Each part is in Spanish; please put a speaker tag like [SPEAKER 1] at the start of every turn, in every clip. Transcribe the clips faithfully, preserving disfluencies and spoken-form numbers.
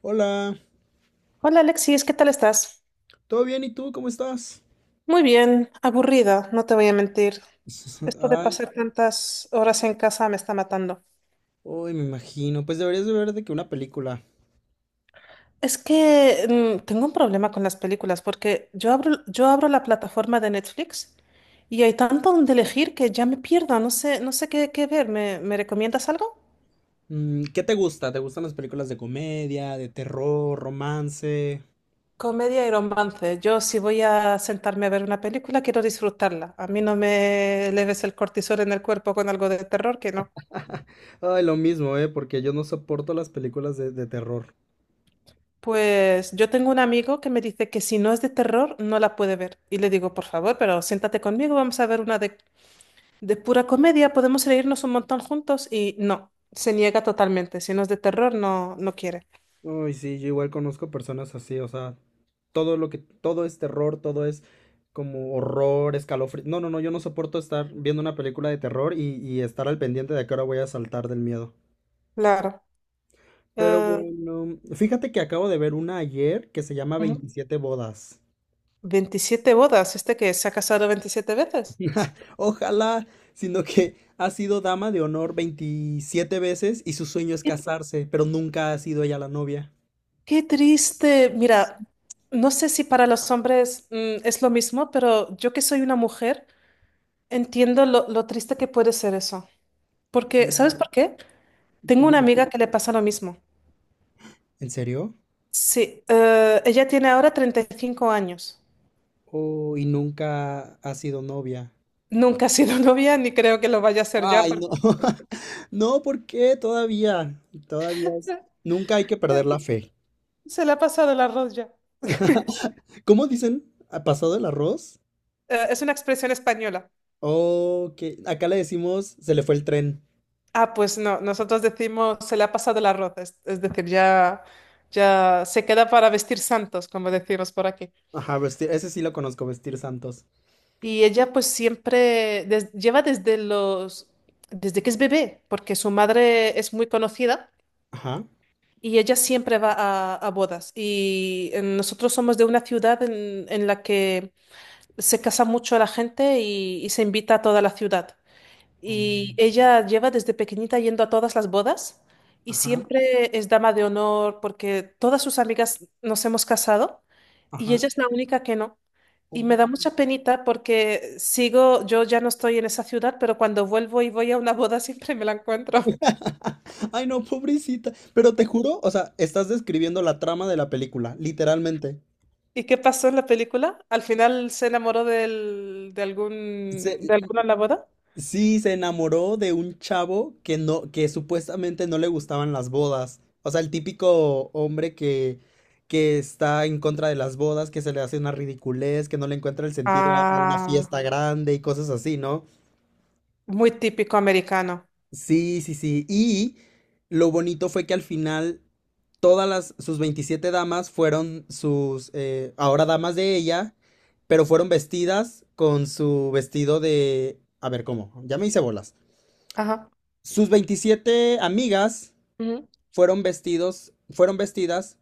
[SPEAKER 1] Hola,
[SPEAKER 2] Hola Alexis, ¿qué tal estás?
[SPEAKER 1] ¿todo bien? ¿Y tú cómo estás?
[SPEAKER 2] Muy bien, aburrida, no te voy a mentir. Esto de
[SPEAKER 1] Ay,
[SPEAKER 2] pasar tantas horas en casa me está matando.
[SPEAKER 1] uy, me imagino. Pues deberías de ver de que una película.
[SPEAKER 2] Es que mm, tengo un problema con las películas porque yo abro, yo abro la plataforma de Netflix y hay tanto donde elegir que ya me pierdo, no sé, no sé qué, qué ver. ¿Me, me recomiendas algo?
[SPEAKER 1] Mm, ¿Qué te gusta? ¿Te gustan las películas de comedia, de terror, romance?
[SPEAKER 2] Comedia y romance. Yo si voy a sentarme a ver una película quiero disfrutarla. A mí no me leves el cortisol en el cuerpo con algo de terror que no.
[SPEAKER 1] Ay, lo mismo, ¿eh? Porque yo no soporto las películas de, de terror.
[SPEAKER 2] Pues yo tengo un amigo que me dice que si no es de terror, no la puede ver. Y le digo, por favor, pero siéntate conmigo, vamos a ver una de, de, pura comedia, podemos reírnos un montón juntos. Y no, se niega totalmente. Si no es de terror, no, no quiere.
[SPEAKER 1] Uy, sí, yo igual conozco personas así. O sea, todo lo que, todo es terror, todo es como horror, escalofrío. No, no, no, yo no soporto estar viendo una película de terror y, y estar al pendiente de a qué hora voy a saltar del miedo.
[SPEAKER 2] Claro.
[SPEAKER 1] Pero
[SPEAKER 2] Eh,
[SPEAKER 1] bueno, fíjate que acabo de ver una ayer que se llama
[SPEAKER 2] Ujú.
[SPEAKER 1] veintisiete bodas.
[SPEAKER 2] veintisiete bodas, este que se ha casado veintisiete veces.
[SPEAKER 1] Ojalá, sino que ha sido dama de honor veintisiete veces y su sueño es casarse, pero nunca ha sido ella la novia.
[SPEAKER 2] Qué triste. Mira, no sé si para los hombres mm, es lo mismo, pero yo que soy una mujer, entiendo lo, lo triste que puede ser eso. Porque,
[SPEAKER 1] Dime.
[SPEAKER 2] ¿sabes por qué? Tengo una amiga que le pasa lo mismo.
[SPEAKER 1] ¿En serio?
[SPEAKER 2] Sí, eh, ella tiene ahora treinta y cinco años.
[SPEAKER 1] Oh, y nunca ha sido novia.
[SPEAKER 2] Nunca ha sido novia ni creo que lo vaya a ser ya
[SPEAKER 1] Ay,
[SPEAKER 2] porque
[SPEAKER 1] no. No, ¿por qué? Todavía, todavía es- Nunca hay que perder la fe.
[SPEAKER 2] se le ha pasado el arroz ya.
[SPEAKER 1] ¿Cómo dicen? ¿Ha pasado el arroz?
[SPEAKER 2] Eh, es una expresión española.
[SPEAKER 1] Oh, que acá le decimos se le fue el tren.
[SPEAKER 2] Ah, pues no, nosotros decimos se le ha pasado el arroz, es, es decir, ya, ya se queda para vestir santos, como decimos por aquí.
[SPEAKER 1] Ajá, vestir, ese sí lo conozco, vestir santos.
[SPEAKER 2] Y ella pues siempre des- lleva desde los, desde que es bebé, porque su madre es muy conocida.
[SPEAKER 1] Ajá.
[SPEAKER 2] Y ella siempre va a, a bodas. Y eh, nosotros somos de una ciudad en, en la que se casa mucho a la gente y, y se invita a toda la ciudad. Y
[SPEAKER 1] Mm.
[SPEAKER 2] ella lleva desde pequeñita yendo a todas las bodas y
[SPEAKER 1] Ajá,
[SPEAKER 2] siempre es dama de honor porque todas sus amigas nos hemos casado y
[SPEAKER 1] ajá.
[SPEAKER 2] ella es la única que no. Y me
[SPEAKER 1] Oh.
[SPEAKER 2] da mucha penita porque sigo, yo ya no estoy en esa ciudad, pero cuando vuelvo y voy a una boda siempre me la encuentro.
[SPEAKER 1] Ay, no, pobrecita. Pero te juro, o sea, estás describiendo la trama de la película, literalmente.
[SPEAKER 2] ¿Y qué pasó en la película? ¿Al final se enamoró del, de algún,
[SPEAKER 1] Se-
[SPEAKER 2] de alguna en la boda?
[SPEAKER 1] sí, se enamoró de un chavo que no, que supuestamente no le gustaban las bodas. O sea, el típico hombre que, que está en contra de las bodas, que se le hace una ridiculez, que no le encuentra el sentido a a una
[SPEAKER 2] Ah,
[SPEAKER 1] fiesta grande y cosas así, ¿no?
[SPEAKER 2] muy típico americano.
[SPEAKER 1] Sí, sí, sí. Y lo bonito fue que al final todas las, sus veintisiete damas fueron sus, eh, ahora damas de ella, pero fueron vestidas con su vestido de, a ver, ¿cómo? Ya me hice bolas.
[SPEAKER 2] Ajá.
[SPEAKER 1] Sus veintisiete amigas
[SPEAKER 2] Ujú.
[SPEAKER 1] fueron vestidos, fueron vestidas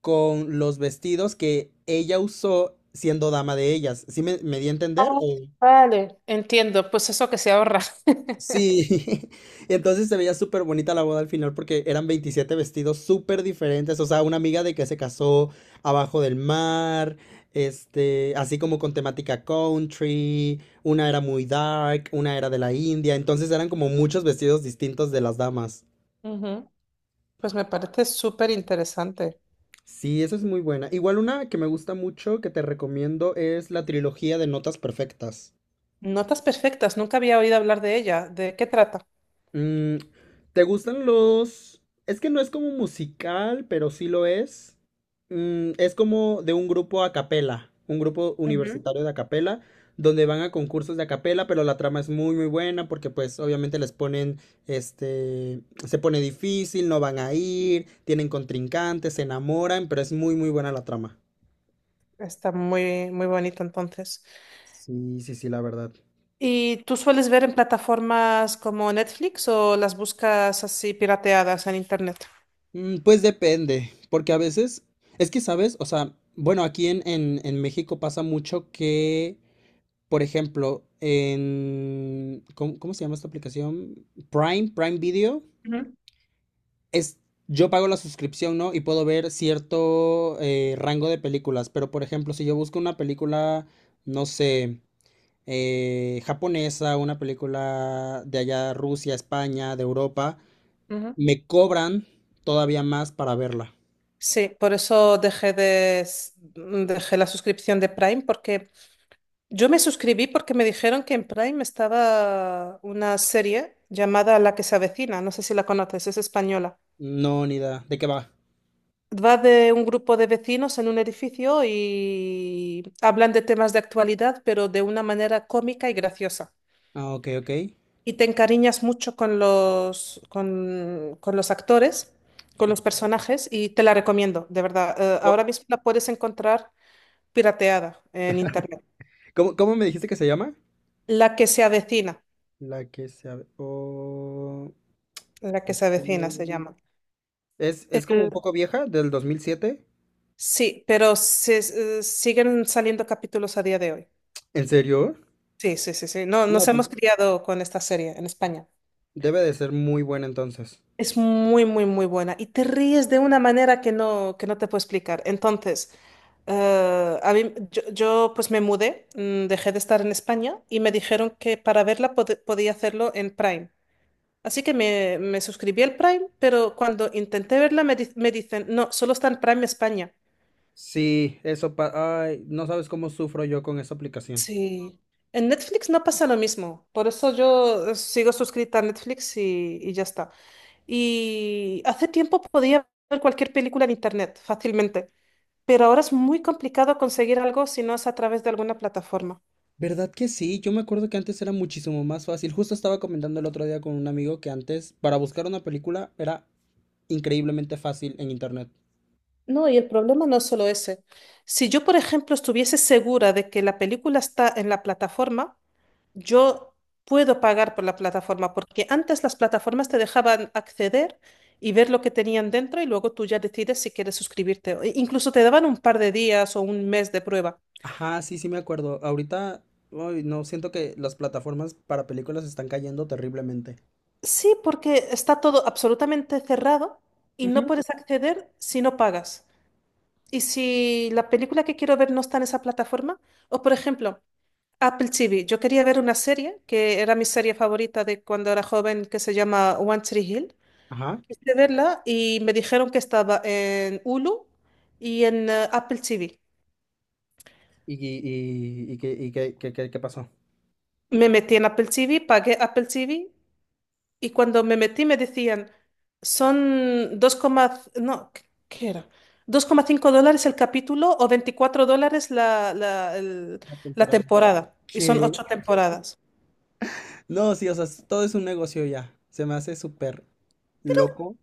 [SPEAKER 1] con los vestidos que ella usó siendo dama de ellas. ¿Sí me, me di a
[SPEAKER 2] Ah,
[SPEAKER 1] entender?
[SPEAKER 2] vale. Entiendo, pues eso que se ahorra.
[SPEAKER 1] Sí, y entonces se veía súper bonita la boda al final porque eran veintisiete vestidos súper diferentes. O sea, una amiga de que se casó abajo del mar, este, así como con temática country, una era muy dark, una era de la India, entonces eran como muchos vestidos distintos de las damas.
[SPEAKER 2] Ujú. Pues me parece súper interesante.
[SPEAKER 1] Sí, eso es muy buena. Igual una que me gusta mucho, que te recomiendo, es la trilogía de Notas Perfectas.
[SPEAKER 2] Notas perfectas, nunca había oído hablar de ella. ¿De qué trata?
[SPEAKER 1] Mm, ¿te gustan los...? Es que no es como musical, pero sí lo es. Mm, es como de un grupo a capela, un grupo
[SPEAKER 2] Ujú.
[SPEAKER 1] universitario de a capela, donde van a concursos de a capela, pero la trama es muy muy buena porque pues obviamente les ponen, este, se pone difícil, no van a ir, tienen contrincantes, se enamoran, pero es muy muy buena la trama.
[SPEAKER 2] Está muy, muy bonito entonces.
[SPEAKER 1] Sí, sí, sí, la verdad.
[SPEAKER 2] ¿Y tú sueles ver en plataformas como Netflix o las buscas así pirateadas en internet?
[SPEAKER 1] Mm, pues depende, porque a veces, es que sabes, o sea, bueno, aquí en, en, en México pasa mucho que, por ejemplo, en, ¿cómo, cómo se llama esta aplicación? Prime, Prime Video,
[SPEAKER 2] Ujú,
[SPEAKER 1] es, yo pago la suscripción, ¿no? Y puedo ver cierto eh, rango de películas, pero por ejemplo, si yo busco una película, no sé, eh, japonesa, una película de allá, Rusia, España, de Europa,
[SPEAKER 2] ujú.
[SPEAKER 1] me cobran todavía más para verla.
[SPEAKER 2] Sí, por eso dejé de, s- mm, dejé la suscripción de Prime, porque yo me suscribí porque me dijeron que en Prime estaba una serie llamada La que se avecina, no sé si la conoces, es española.
[SPEAKER 1] No, ni idea. ¿De qué va?
[SPEAKER 2] Va de un grupo de vecinos en un edificio y hablan de temas de actualidad, pero de una manera cómica y graciosa.
[SPEAKER 1] Ah, ok, ok.
[SPEAKER 2] Y te encariñas mucho con los, con, con los actores, con los personajes, y te la recomiendo, de verdad. Eh,
[SPEAKER 1] No,
[SPEAKER 2] ahora mismo la puedes encontrar pirateada en internet.
[SPEAKER 1] ¿cómo, cómo me dijiste que se llama?
[SPEAKER 2] La que se avecina,
[SPEAKER 1] La que se... abre- Oh...
[SPEAKER 2] la que
[SPEAKER 1] ok.
[SPEAKER 2] se avecina se llama.
[SPEAKER 1] Es, es como un
[SPEAKER 2] El-
[SPEAKER 1] poco vieja, del dos mil siete.
[SPEAKER 2] sí, pero se- eh, siguen saliendo capítulos a día de hoy.
[SPEAKER 1] ¿En serio?
[SPEAKER 2] Sí, sí, sí, sí. No,
[SPEAKER 1] No,
[SPEAKER 2] nos
[SPEAKER 1] pues
[SPEAKER 2] hemos criado con esta serie en España.
[SPEAKER 1] debe de ser muy buena entonces.
[SPEAKER 2] Es muy, muy, muy buena. Y te ríes de una manera que no, que no te puedo explicar. Entonces, eh, a mí, yo, yo, pues me mudé, mm, dejé de estar en España y me dijeron que para verla pod- podía hacerlo en Prime. Así que me, me suscribí al Prime, pero cuando intenté verla me, di- me dicen, no, solo está en Prime España.
[SPEAKER 1] Sí, eso pa... Ay, no sabes cómo sufro yo con esa aplicación.
[SPEAKER 2] Sí. En Netflix no pasa lo mismo, por eso yo eh, sigo suscrita a Netflix y, y ya está. Y hace tiempo podía ver cualquier película en Internet fácilmente, pero ahora es muy complicado conseguir algo si no es a través de alguna plataforma.
[SPEAKER 1] ¿Verdad que sí? Yo me acuerdo que antes era muchísimo más fácil. Justo estaba comentando el otro día con un amigo que antes, para buscar una película, era increíblemente fácil en internet.
[SPEAKER 2] No, y el problema no es solo ese. Si yo, por ejemplo, estuviese segura de que la película está en la plataforma, yo puedo pagar por la plataforma, porque antes las plataformas te dejaban acceder y ver lo que tenían dentro y luego tú ya decides si quieres suscribirte, o- e Incluso te daban un par de días o un mes de prueba.
[SPEAKER 1] Ajá, sí, sí me acuerdo. Ahorita, uy, no, siento que las plataformas para películas están cayendo terriblemente.
[SPEAKER 2] Sí, porque está todo absolutamente cerrado y no
[SPEAKER 1] Ujú.
[SPEAKER 2] puedes acceder si no pagas. Y si la película que quiero ver no está en esa plataforma, o por ejemplo, Apple T V, yo quería ver una serie que era mi serie favorita de cuando era joven que se llama One Tree Hill.
[SPEAKER 1] Ajá.
[SPEAKER 2] quise verla y me dijeron que estaba en Hulu y en eh, Apple T V.
[SPEAKER 1] ¿Y, y, y, y qué, y qué, qué, qué- qué pasó?
[SPEAKER 2] Me metí en Apple T V, pagué Apple T V y cuando me metí me decían, son dos coma no, ¿qué qué era? dos coma cinco dólares el capítulo o veinticuatro dólares la, la, el-
[SPEAKER 1] La
[SPEAKER 2] la
[SPEAKER 1] temporada.
[SPEAKER 2] temporada. Y son
[SPEAKER 1] Que,
[SPEAKER 2] ocho temporadas.
[SPEAKER 1] no, sí, o sea, es- todo es un negocio ya. Se me hace súper loco.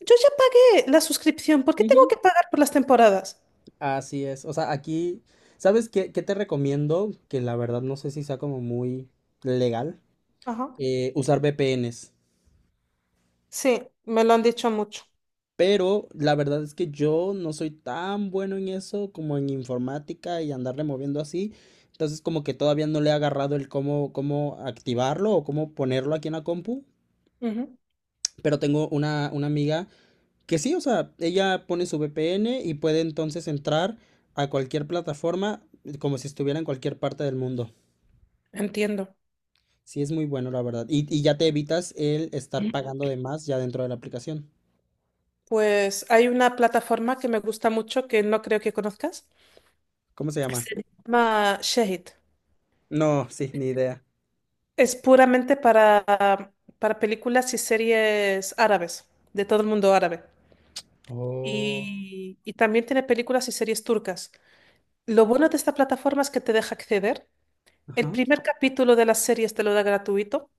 [SPEAKER 2] Yo ya pagué la suscripción, ¿por qué tengo
[SPEAKER 1] Ujú.
[SPEAKER 2] que pagar por las temporadas?
[SPEAKER 1] Así es. O sea, aquí, ¿sabes qué, qué te recomiendo? Que la verdad no sé si sea como muy legal.
[SPEAKER 2] Ajá.
[SPEAKER 1] eh, usar V P Ns.
[SPEAKER 2] Sí, me lo han dicho mucho.
[SPEAKER 1] Pero la verdad es que yo no soy tan bueno en eso como en informática y andarle moviendo así. Entonces como que todavía no le he agarrado el cómo, cómo activarlo o cómo ponerlo aquí en la compu.
[SPEAKER 2] Ujú.
[SPEAKER 1] Pero tengo una, una amiga que sí. O sea, ella pone su V P N y puede entonces entrar a cualquier plataforma como si estuviera en cualquier parte del mundo.
[SPEAKER 2] Entiendo.
[SPEAKER 1] Sí, es muy bueno, la verdad. Y, y ya te evitas el estar pagando de más ya dentro de la aplicación.
[SPEAKER 2] Pues hay una plataforma que me gusta mucho que no creo que conozcas.
[SPEAKER 1] ¿Cómo se llama?
[SPEAKER 2] Se llama Shahid.
[SPEAKER 1] No, sí, ni idea.
[SPEAKER 2] Es puramente para, para, películas y series árabes, de todo el mundo árabe.
[SPEAKER 1] Oh.
[SPEAKER 2] Y, y también tiene películas y series turcas. Lo bueno de esta plataforma es que te deja acceder. El
[SPEAKER 1] Ajá.
[SPEAKER 2] primer capítulo de las series te lo da gratuito.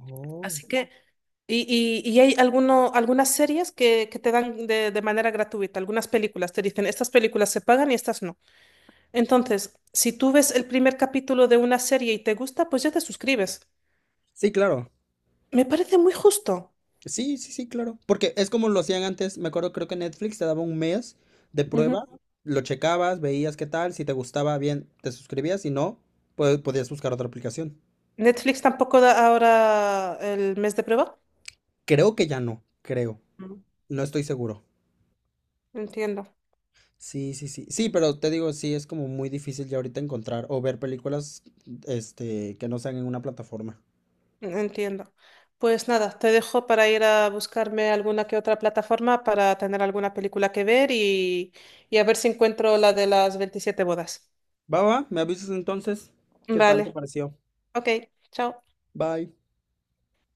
[SPEAKER 1] Oh,
[SPEAKER 2] Así que, y, y- y hay alguno, algunas series que, que te dan de, de manera gratuita, algunas películas. Te dicen, estas películas se pagan y estas no. Entonces, si tú ves el primer capítulo de una serie y te gusta, pues ya te suscribes.
[SPEAKER 1] sí, claro.
[SPEAKER 2] Me parece muy justo.
[SPEAKER 1] Sí, sí, sí, claro. Porque es como lo hacían antes, me acuerdo, creo que Netflix te daba un mes de
[SPEAKER 2] Ujú.
[SPEAKER 1] prueba, lo checabas, veías qué tal, si te gustaba bien, te suscribías, si no, pues podías buscar otra aplicación.
[SPEAKER 2] Netflix tampoco da ahora el mes de prueba.
[SPEAKER 1] Creo que ya no, creo.
[SPEAKER 2] Mm.
[SPEAKER 1] No estoy seguro.
[SPEAKER 2] Entiendo,
[SPEAKER 1] Sí, sí, sí. Sí, pero te digo, sí, es como muy difícil ya ahorita encontrar o ver películas, este, que no sean en una plataforma.
[SPEAKER 2] entiendo. Pues nada, te dejo para ir a buscarme alguna que otra plataforma para tener alguna película que ver y, y a ver si encuentro la de las veintisiete bodas.
[SPEAKER 1] Va, va, me avisas entonces, ¿qué tal te
[SPEAKER 2] Vale,
[SPEAKER 1] pareció?
[SPEAKER 2] ok, chao.
[SPEAKER 1] Bye.